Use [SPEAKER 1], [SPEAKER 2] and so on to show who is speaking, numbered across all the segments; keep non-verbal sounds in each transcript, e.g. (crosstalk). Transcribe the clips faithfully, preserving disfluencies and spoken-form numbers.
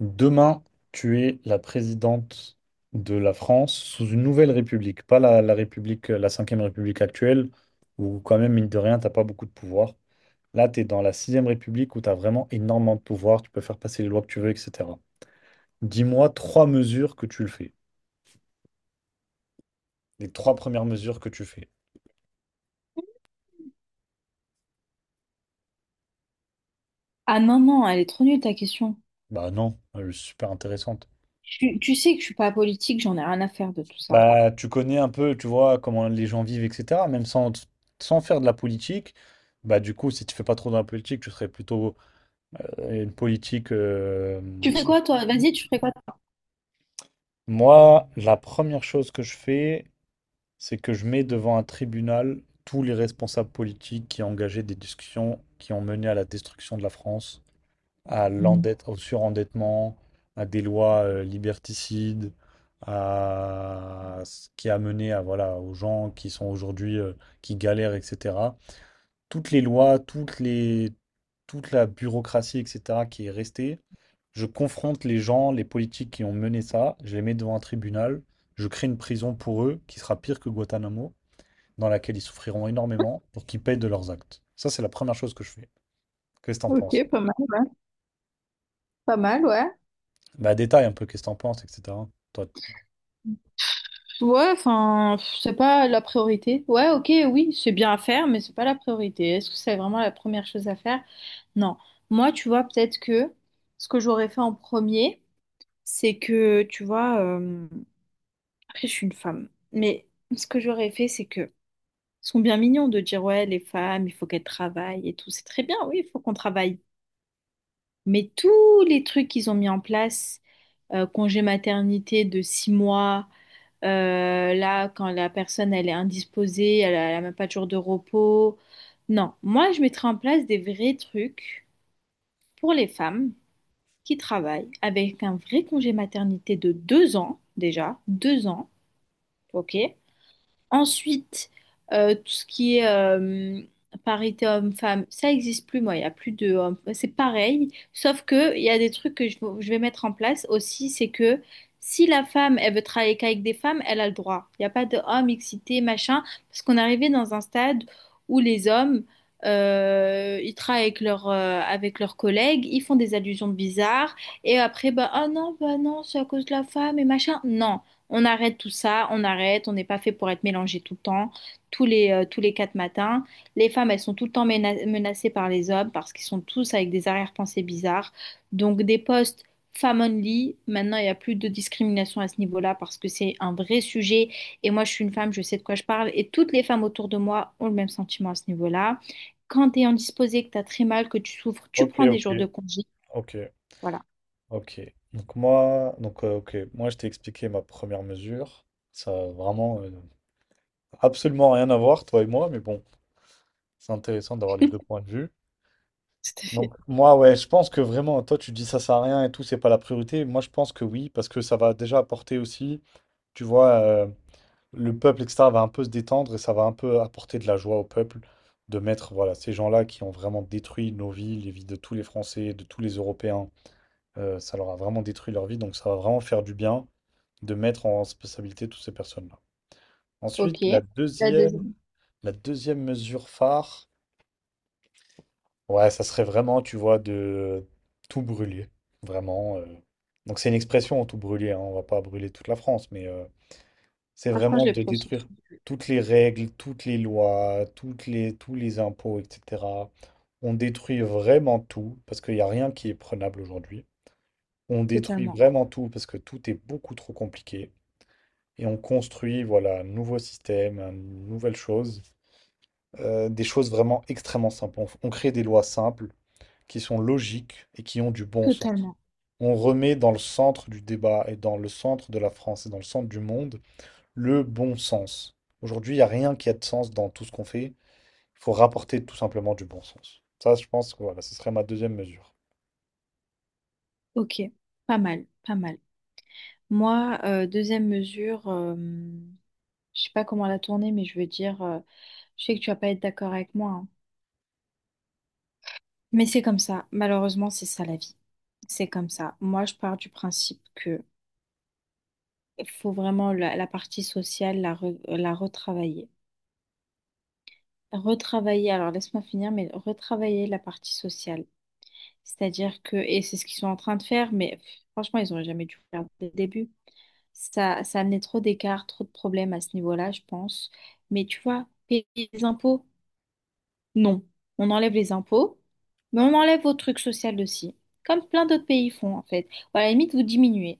[SPEAKER 1] Demain, tu es la présidente de la France sous une nouvelle république, pas la, la République, la cinquième République actuelle, où quand même, mine de rien, t'as pas beaucoup de pouvoir. Là, tu es dans la sixième République où tu as vraiment énormément de pouvoir, tu peux faire passer les lois que tu veux, et cetera. Dis-moi trois mesures que tu le fais. Les trois premières mesures que tu fais.
[SPEAKER 2] Ah non, non, elle est trop nulle ta question.
[SPEAKER 1] Bah non, euh, super intéressante.
[SPEAKER 2] Tu, tu sais que je suis pas politique, j'en ai rien à faire de tout ça.
[SPEAKER 1] Bah tu connais un peu, tu vois, comment les gens vivent, et cetera. Même sans, sans faire de la politique, bah du coup, si tu fais pas trop de la politique, tu serais plutôt une politique. euh,
[SPEAKER 2] Tu fais quoi toi? Vas-y, tu fais quoi? toi
[SPEAKER 1] Moi, la première chose que je fais, c'est que je mets devant un tribunal tous les responsables politiques qui ont engagé des discussions qui ont mené à la destruction de la France, à l'endette, au surendettement, à des lois euh, liberticides, à ce qui a mené à voilà aux gens qui sont aujourd'hui euh, qui galèrent, et cetera Toutes les lois, toutes les, toute la bureaucratie, et cetera, qui est restée. Je confronte les gens, les politiques qui ont mené ça, je les mets devant un tribunal, je crée une prison pour eux qui sera pire que Guantanamo, dans laquelle ils souffriront énormément pour qu'ils payent de leurs actes. Ça, c'est la première chose que je fais. Qu'est-ce que t'en
[SPEAKER 2] Ok,
[SPEAKER 1] penses?
[SPEAKER 2] pas mal, ouais. Pas mal, ouais.
[SPEAKER 1] Bah, détaille un peu qu'est-ce que t'en penses, et cetera. Toi,
[SPEAKER 2] Ouais, enfin, pff, c'est pas la priorité. Ouais, ok, oui, c'est bien à faire, mais c'est pas la priorité. Est-ce que c'est vraiment la première chose à faire? Non. Moi, tu vois, peut-être que ce que j'aurais fait en premier, c'est que, tu vois, euh, après, je suis une femme, mais ce que j'aurais fait, c'est que ils sont bien mignons de dire, ouais, les femmes, il faut qu'elles travaillent et tout. C'est très bien, oui, il faut qu'on travaille. Mais tous les trucs qu'ils ont mis en place, euh, congé maternité de six mois, euh, là, quand la personne, elle est indisposée, elle n'a même pas de jour de repos. Non, moi, je mettrais en place des vrais trucs pour les femmes qui travaillent avec un vrai congé maternité de deux ans, déjà, deux ans, ok? Ensuite, euh, tout ce qui est euh, parité homme-femme, ça existe plus, moi. Il y a plus de hommes. C'est pareil, sauf que il y a des trucs que je, je vais mettre en place aussi, c'est que si la femme, elle veut travailler qu'avec des femmes, elle a le droit. Il n'y a pas de hommes excités machin, parce qu'on est arrivé dans un stade où les hommes, euh, ils travaillent avec leurs euh, avec leurs collègues, ils font des allusions bizarres, et après, bah, ah non, bah non, c'est à cause de la femme et machin. Non. On arrête tout ça, on arrête, on n'est pas fait pour être mélangé tout le temps, tous les, euh, tous les quatre matins. Les femmes, elles sont tout le temps mena- menacées par les hommes parce qu'ils sont tous avec des arrière-pensées bizarres. Donc des postes femmes only, maintenant il n'y a plus de discrimination à ce niveau-là parce que c'est un vrai sujet. Et moi, je suis une femme, je sais de quoi je parle. Et toutes les femmes autour de moi ont le même sentiment à ce niveau-là. Quand tu es indisposée, que tu as très mal, que tu souffres, tu
[SPEAKER 1] ok,
[SPEAKER 2] prends des
[SPEAKER 1] ok,
[SPEAKER 2] jours de congé.
[SPEAKER 1] ok.
[SPEAKER 2] Voilà.
[SPEAKER 1] Ok, donc moi, donc, euh, ok, moi je t'ai expliqué ma première mesure. Ça a vraiment euh, absolument rien à voir, toi et moi, mais bon, c'est intéressant d'avoir les deux points de vue.
[SPEAKER 2] Tout à fait.
[SPEAKER 1] Donc moi, ouais, je pense que vraiment, toi tu dis ça sert à rien et tout, c'est pas la priorité. Moi je pense que oui, parce que ça va déjà apporter aussi, tu vois, euh, le peuple, et cetera, va un peu se détendre et ça va un peu apporter de la joie au peuple de mettre, voilà, ces gens-là qui ont vraiment détruit nos vies, les vies de tous les Français, de tous les Européens. Euh, ça leur a vraiment détruit leur vie, donc ça va vraiment faire du bien de mettre en responsabilité toutes ces personnes-là.
[SPEAKER 2] Ok.
[SPEAKER 1] Ensuite, la
[SPEAKER 2] La
[SPEAKER 1] deuxième,
[SPEAKER 2] deuxième.
[SPEAKER 1] la deuxième mesure phare, ouais, ça serait vraiment, tu vois, de tout brûler, vraiment. euh. Donc c'est une expression, tout brûler, hein, on va pas brûler toute la France, mais euh, c'est
[SPEAKER 2] Franchement, je
[SPEAKER 1] vraiment
[SPEAKER 2] l'ai pris
[SPEAKER 1] de
[SPEAKER 2] au
[SPEAKER 1] détruire
[SPEAKER 2] pressens
[SPEAKER 1] toutes les règles, toutes les lois, toutes les, tous les impôts, et cetera. On détruit vraiment tout, parce qu'il n'y a rien qui est prenable aujourd'hui. On détruit
[SPEAKER 2] totalement.
[SPEAKER 1] vraiment tout, parce que tout est beaucoup trop compliqué. Et on construit voilà, un nouveau système, une nouvelle chose, euh, des choses vraiment extrêmement simples. On, on crée des lois simples qui sont logiques et qui ont du bon sens.
[SPEAKER 2] Totalement.
[SPEAKER 1] On remet dans le centre du débat et dans le centre de la France et dans le centre du monde le bon sens. Aujourd'hui, il n'y a rien qui a de sens dans tout ce qu'on fait. Il faut rapporter tout simplement du bon sens. Ça, je pense que voilà, ce serait ma deuxième mesure.
[SPEAKER 2] Ok. Pas mal, pas mal. Moi, euh, deuxième mesure, euh, je sais pas comment la tourner, mais je veux dire, euh, je sais que tu vas pas être d'accord avec moi, hein. Mais c'est comme ça. Malheureusement, c'est ça la vie. C'est comme ça. Moi, je pars du principe que faut vraiment la, la partie sociale la, re- la retravailler. Retravailler, alors laisse-moi finir, mais retravailler la partie sociale. C'est-à-dire que, et c'est ce qu'ils sont en train de faire, mais pff, franchement, ils auraient jamais dû faire dès le début. Ça, ça amenait trop d'écarts, trop de problèmes à ce niveau-là, je pense. Mais tu vois, payer les impôts, non. On enlève les impôts, mais on enlève vos trucs sociaux aussi. Comme plein d'autres pays font, en fait. Ou à la limite, vous diminuez.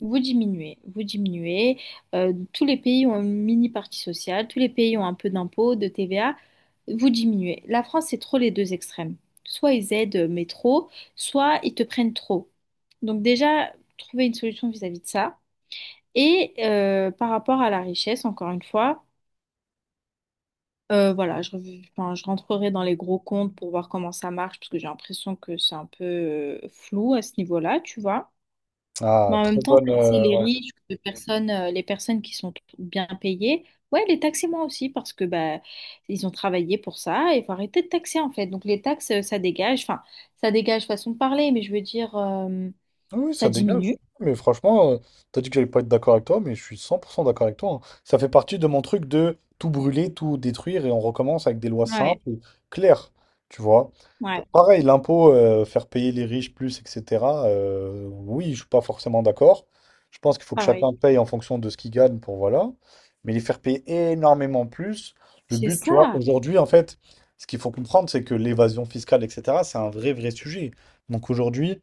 [SPEAKER 2] Vous diminuez, vous diminuez. Euh, tous les pays ont une mini partie sociale, tous les pays ont un peu d'impôts, de T V A. Vous diminuez. La France, c'est trop les deux extrêmes. Soit ils aident, euh, mais trop, soit ils te prennent trop. Donc déjà, trouver une solution vis-à-vis de ça. Et euh, par rapport à la richesse, encore une fois, euh, voilà, je, rev- enfin, je rentrerai dans les gros comptes pour voir comment ça marche, parce que j'ai l'impression que c'est un peu euh, flou à ce niveau-là, tu vois.
[SPEAKER 1] Ah,
[SPEAKER 2] Mais en même
[SPEAKER 1] très
[SPEAKER 2] temps,
[SPEAKER 1] bonne.
[SPEAKER 2] taxer
[SPEAKER 1] euh,
[SPEAKER 2] les
[SPEAKER 1] ouais.
[SPEAKER 2] riches, les personnes, euh, les personnes qui sont t- bien payées, ouais, les taxer moi aussi, parce que bah, ils ont travaillé pour ça, et il faut arrêter de taxer, en fait. Donc les taxes, euh, ça dégage, enfin, ça dégage façon de parler, mais je veux dire, euh,
[SPEAKER 1] Oui,
[SPEAKER 2] ça
[SPEAKER 1] ça dégage.
[SPEAKER 2] diminue.
[SPEAKER 1] Mais franchement, euh, t'as dit que j'allais pas être d'accord avec toi, mais je suis cent pour cent d'accord avec toi. Hein. Ça fait partie de mon truc de tout brûler, tout détruire, et on recommence avec des lois
[SPEAKER 2] Ouais,
[SPEAKER 1] simples, claires, tu vois. Euh,
[SPEAKER 2] ouais,
[SPEAKER 1] Pareil, l'impôt, euh, faire payer les riches plus, et cetera euh, Oui, je suis pas forcément d'accord. Je pense qu'il faut que
[SPEAKER 2] pareil.
[SPEAKER 1] chacun paye en fonction de ce qu'il gagne pour voilà. Mais les faire payer énormément plus, le
[SPEAKER 2] C'est
[SPEAKER 1] but, tu vois,
[SPEAKER 2] ça.
[SPEAKER 1] aujourd'hui, en fait, ce qu'il faut comprendre, c'est que l'évasion fiscale, et cetera, c'est un vrai, vrai sujet. Donc aujourd'hui,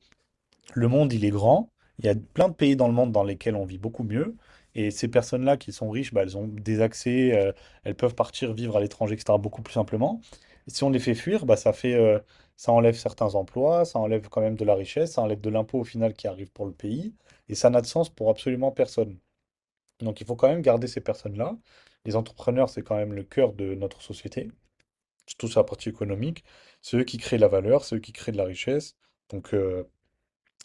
[SPEAKER 1] le monde, il est grand. Il y a plein de pays dans le monde dans lesquels on vit beaucoup mieux. Et ces personnes-là qui sont riches, bah, elles ont des accès, euh, elles peuvent partir vivre à l'étranger, et cetera, beaucoup plus simplement. Et si on les fait fuir, bah, ça fait, euh, ça enlève certains emplois, ça enlève quand même de la richesse, ça enlève de l'impôt au final qui arrive pour le pays. Et ça n'a de sens pour absolument personne. Donc il faut quand même garder ces personnes-là. Les entrepreneurs, c'est quand même le cœur de notre société, surtout sur la partie économique. C'est eux qui créent la valeur, c'est eux qui créent de la richesse. Donc, euh,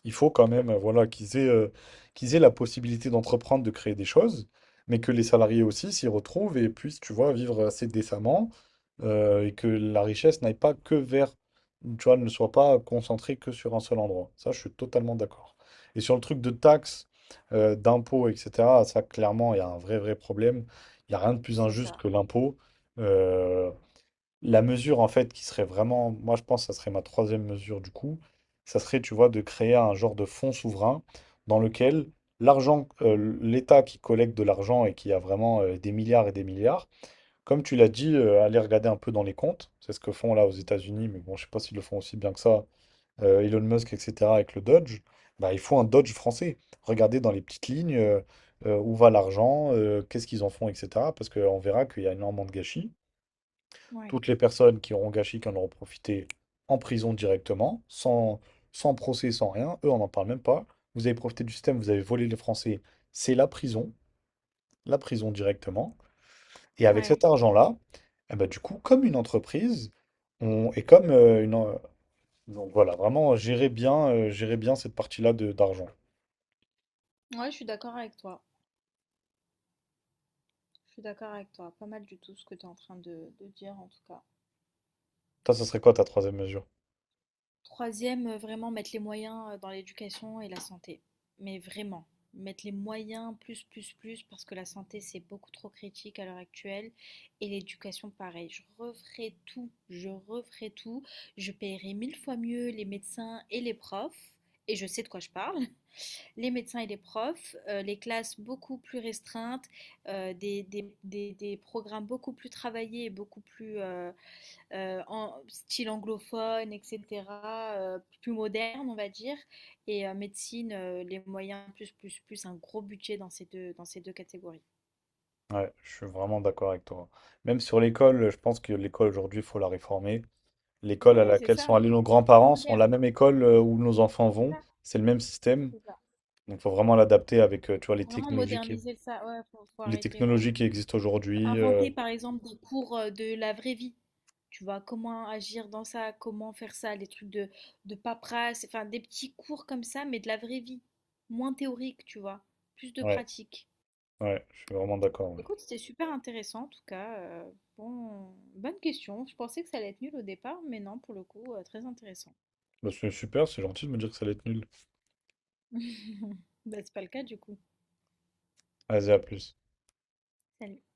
[SPEAKER 1] il faut quand même, euh, voilà, qu'ils aient, euh, qu'ils aient la possibilité d'entreprendre, de créer des choses, mais que les salariés aussi s'y retrouvent et puissent, tu vois, vivre assez décemment euh, et que la richesse n'aille pas que vers, tu vois, ne soit pas concentrée que sur un seul endroit. Ça, je suis totalement d'accord. Et sur le truc de taxes, euh, d'impôts, et cetera, ça, clairement, il y a un vrai, vrai problème. Il n'y a rien de plus
[SPEAKER 2] C'est
[SPEAKER 1] injuste
[SPEAKER 2] ça.
[SPEAKER 1] que l'impôt. Euh, la mesure, en fait, qui serait vraiment, moi je pense que ça serait ma troisième mesure du coup, ça serait, tu vois, de créer un genre de fonds souverain dans lequel l'argent, euh, l'État qui collecte de l'argent et qui a vraiment euh, des milliards et des milliards, comme tu l'as dit, euh, allez regarder un peu dans les comptes, c'est ce que font là aux États-Unis, mais bon, je sais pas s'ils le font aussi bien que ça, euh, Elon Musk, et cetera, avec le Dodge, bah, il faut un Dodge français. Regardez dans les petites lignes euh, euh, où va l'argent, euh, qu'est-ce qu'ils en font, et cetera, parce qu'on verra qu'il y a énormément de gâchis.
[SPEAKER 2] Ouais,
[SPEAKER 1] Toutes les personnes qui auront gâché, qui en auront profité en prison directement, sans, sans procès, sans rien. Eux, on n'en parle même pas. Vous avez profité du système, vous avez volé les Français, c'est la prison, la prison directement. Et avec
[SPEAKER 2] ouais.
[SPEAKER 1] cet argent-là, eh ben, du coup, comme une entreprise, on, et comme euh, une. En- Donc voilà, vraiment, gérer bien, euh, gérer bien cette partie-là de d'argent.
[SPEAKER 2] Ouais, je suis d'accord avec toi. Je suis d'accord avec toi. Pas mal du tout ce que tu es en train de, de dire en tout cas.
[SPEAKER 1] Toi, ce serait quoi ta troisième mesure?
[SPEAKER 2] Troisième, euh, vraiment mettre les moyens euh, dans l'éducation et la santé. Mais vraiment, mettre les moyens plus, plus, plus, parce que la santé, c'est beaucoup trop critique à l'heure actuelle. Et l'éducation, pareil. Je referai tout. Je referai tout. Je paierai mille fois mieux les médecins et les profs. Et je sais de quoi je parle. Les médecins et les profs, euh, les classes beaucoup plus restreintes, euh, des, des, des- des programmes beaucoup plus travaillés beaucoup plus euh, euh, en style anglophone, et cetera, euh, plus moderne, on va dire, et euh, médecine, euh, les moyens plus, plus, plus, un gros budget dans ces deux, dans ces deux catégories.
[SPEAKER 1] Ouais, je suis vraiment d'accord avec toi. Même sur l'école, je pense que l'école aujourd'hui, il faut la réformer. L'école à
[SPEAKER 2] Oui, c'est
[SPEAKER 1] laquelle
[SPEAKER 2] ça,
[SPEAKER 1] sont allés nos
[SPEAKER 2] plus
[SPEAKER 1] grands-parents sont la
[SPEAKER 2] moderne,
[SPEAKER 1] même école euh, où nos enfants vont.
[SPEAKER 2] c'est ça,
[SPEAKER 1] C'est le même système.
[SPEAKER 2] c'est ça.
[SPEAKER 1] Donc, il faut vraiment l'adapter avec, euh, tu vois,
[SPEAKER 2] Faut
[SPEAKER 1] les
[SPEAKER 2] vraiment
[SPEAKER 1] technologies qui,
[SPEAKER 2] moderniser ça, ouais, faut, faut
[SPEAKER 1] les
[SPEAKER 2] arrêter, ouais.
[SPEAKER 1] technologies qui existent aujourd'hui. euh,
[SPEAKER 2] Inventer par exemple des cours euh, de la vraie vie. Tu vois, comment agir dans ça, comment faire ça, des trucs de, de paperasse, enfin des petits cours comme ça, mais de la vraie vie. Moins théorique, tu vois, plus de
[SPEAKER 1] Ouais,
[SPEAKER 2] pratique.
[SPEAKER 1] ouais, je suis vraiment d'accord. Ouais.
[SPEAKER 2] Écoute, c'était super intéressant en tout cas. Euh, bon, bonne question. Je pensais que ça allait être nul au départ, mais non, pour le coup, euh, très intéressant.
[SPEAKER 1] Bah, c'est super, c'est gentil de me dire que ça allait être nul.
[SPEAKER 2] (laughs) Bah, c'est pas le cas du coup.
[SPEAKER 1] Vas-y, à plus.
[SPEAKER 2] Salut.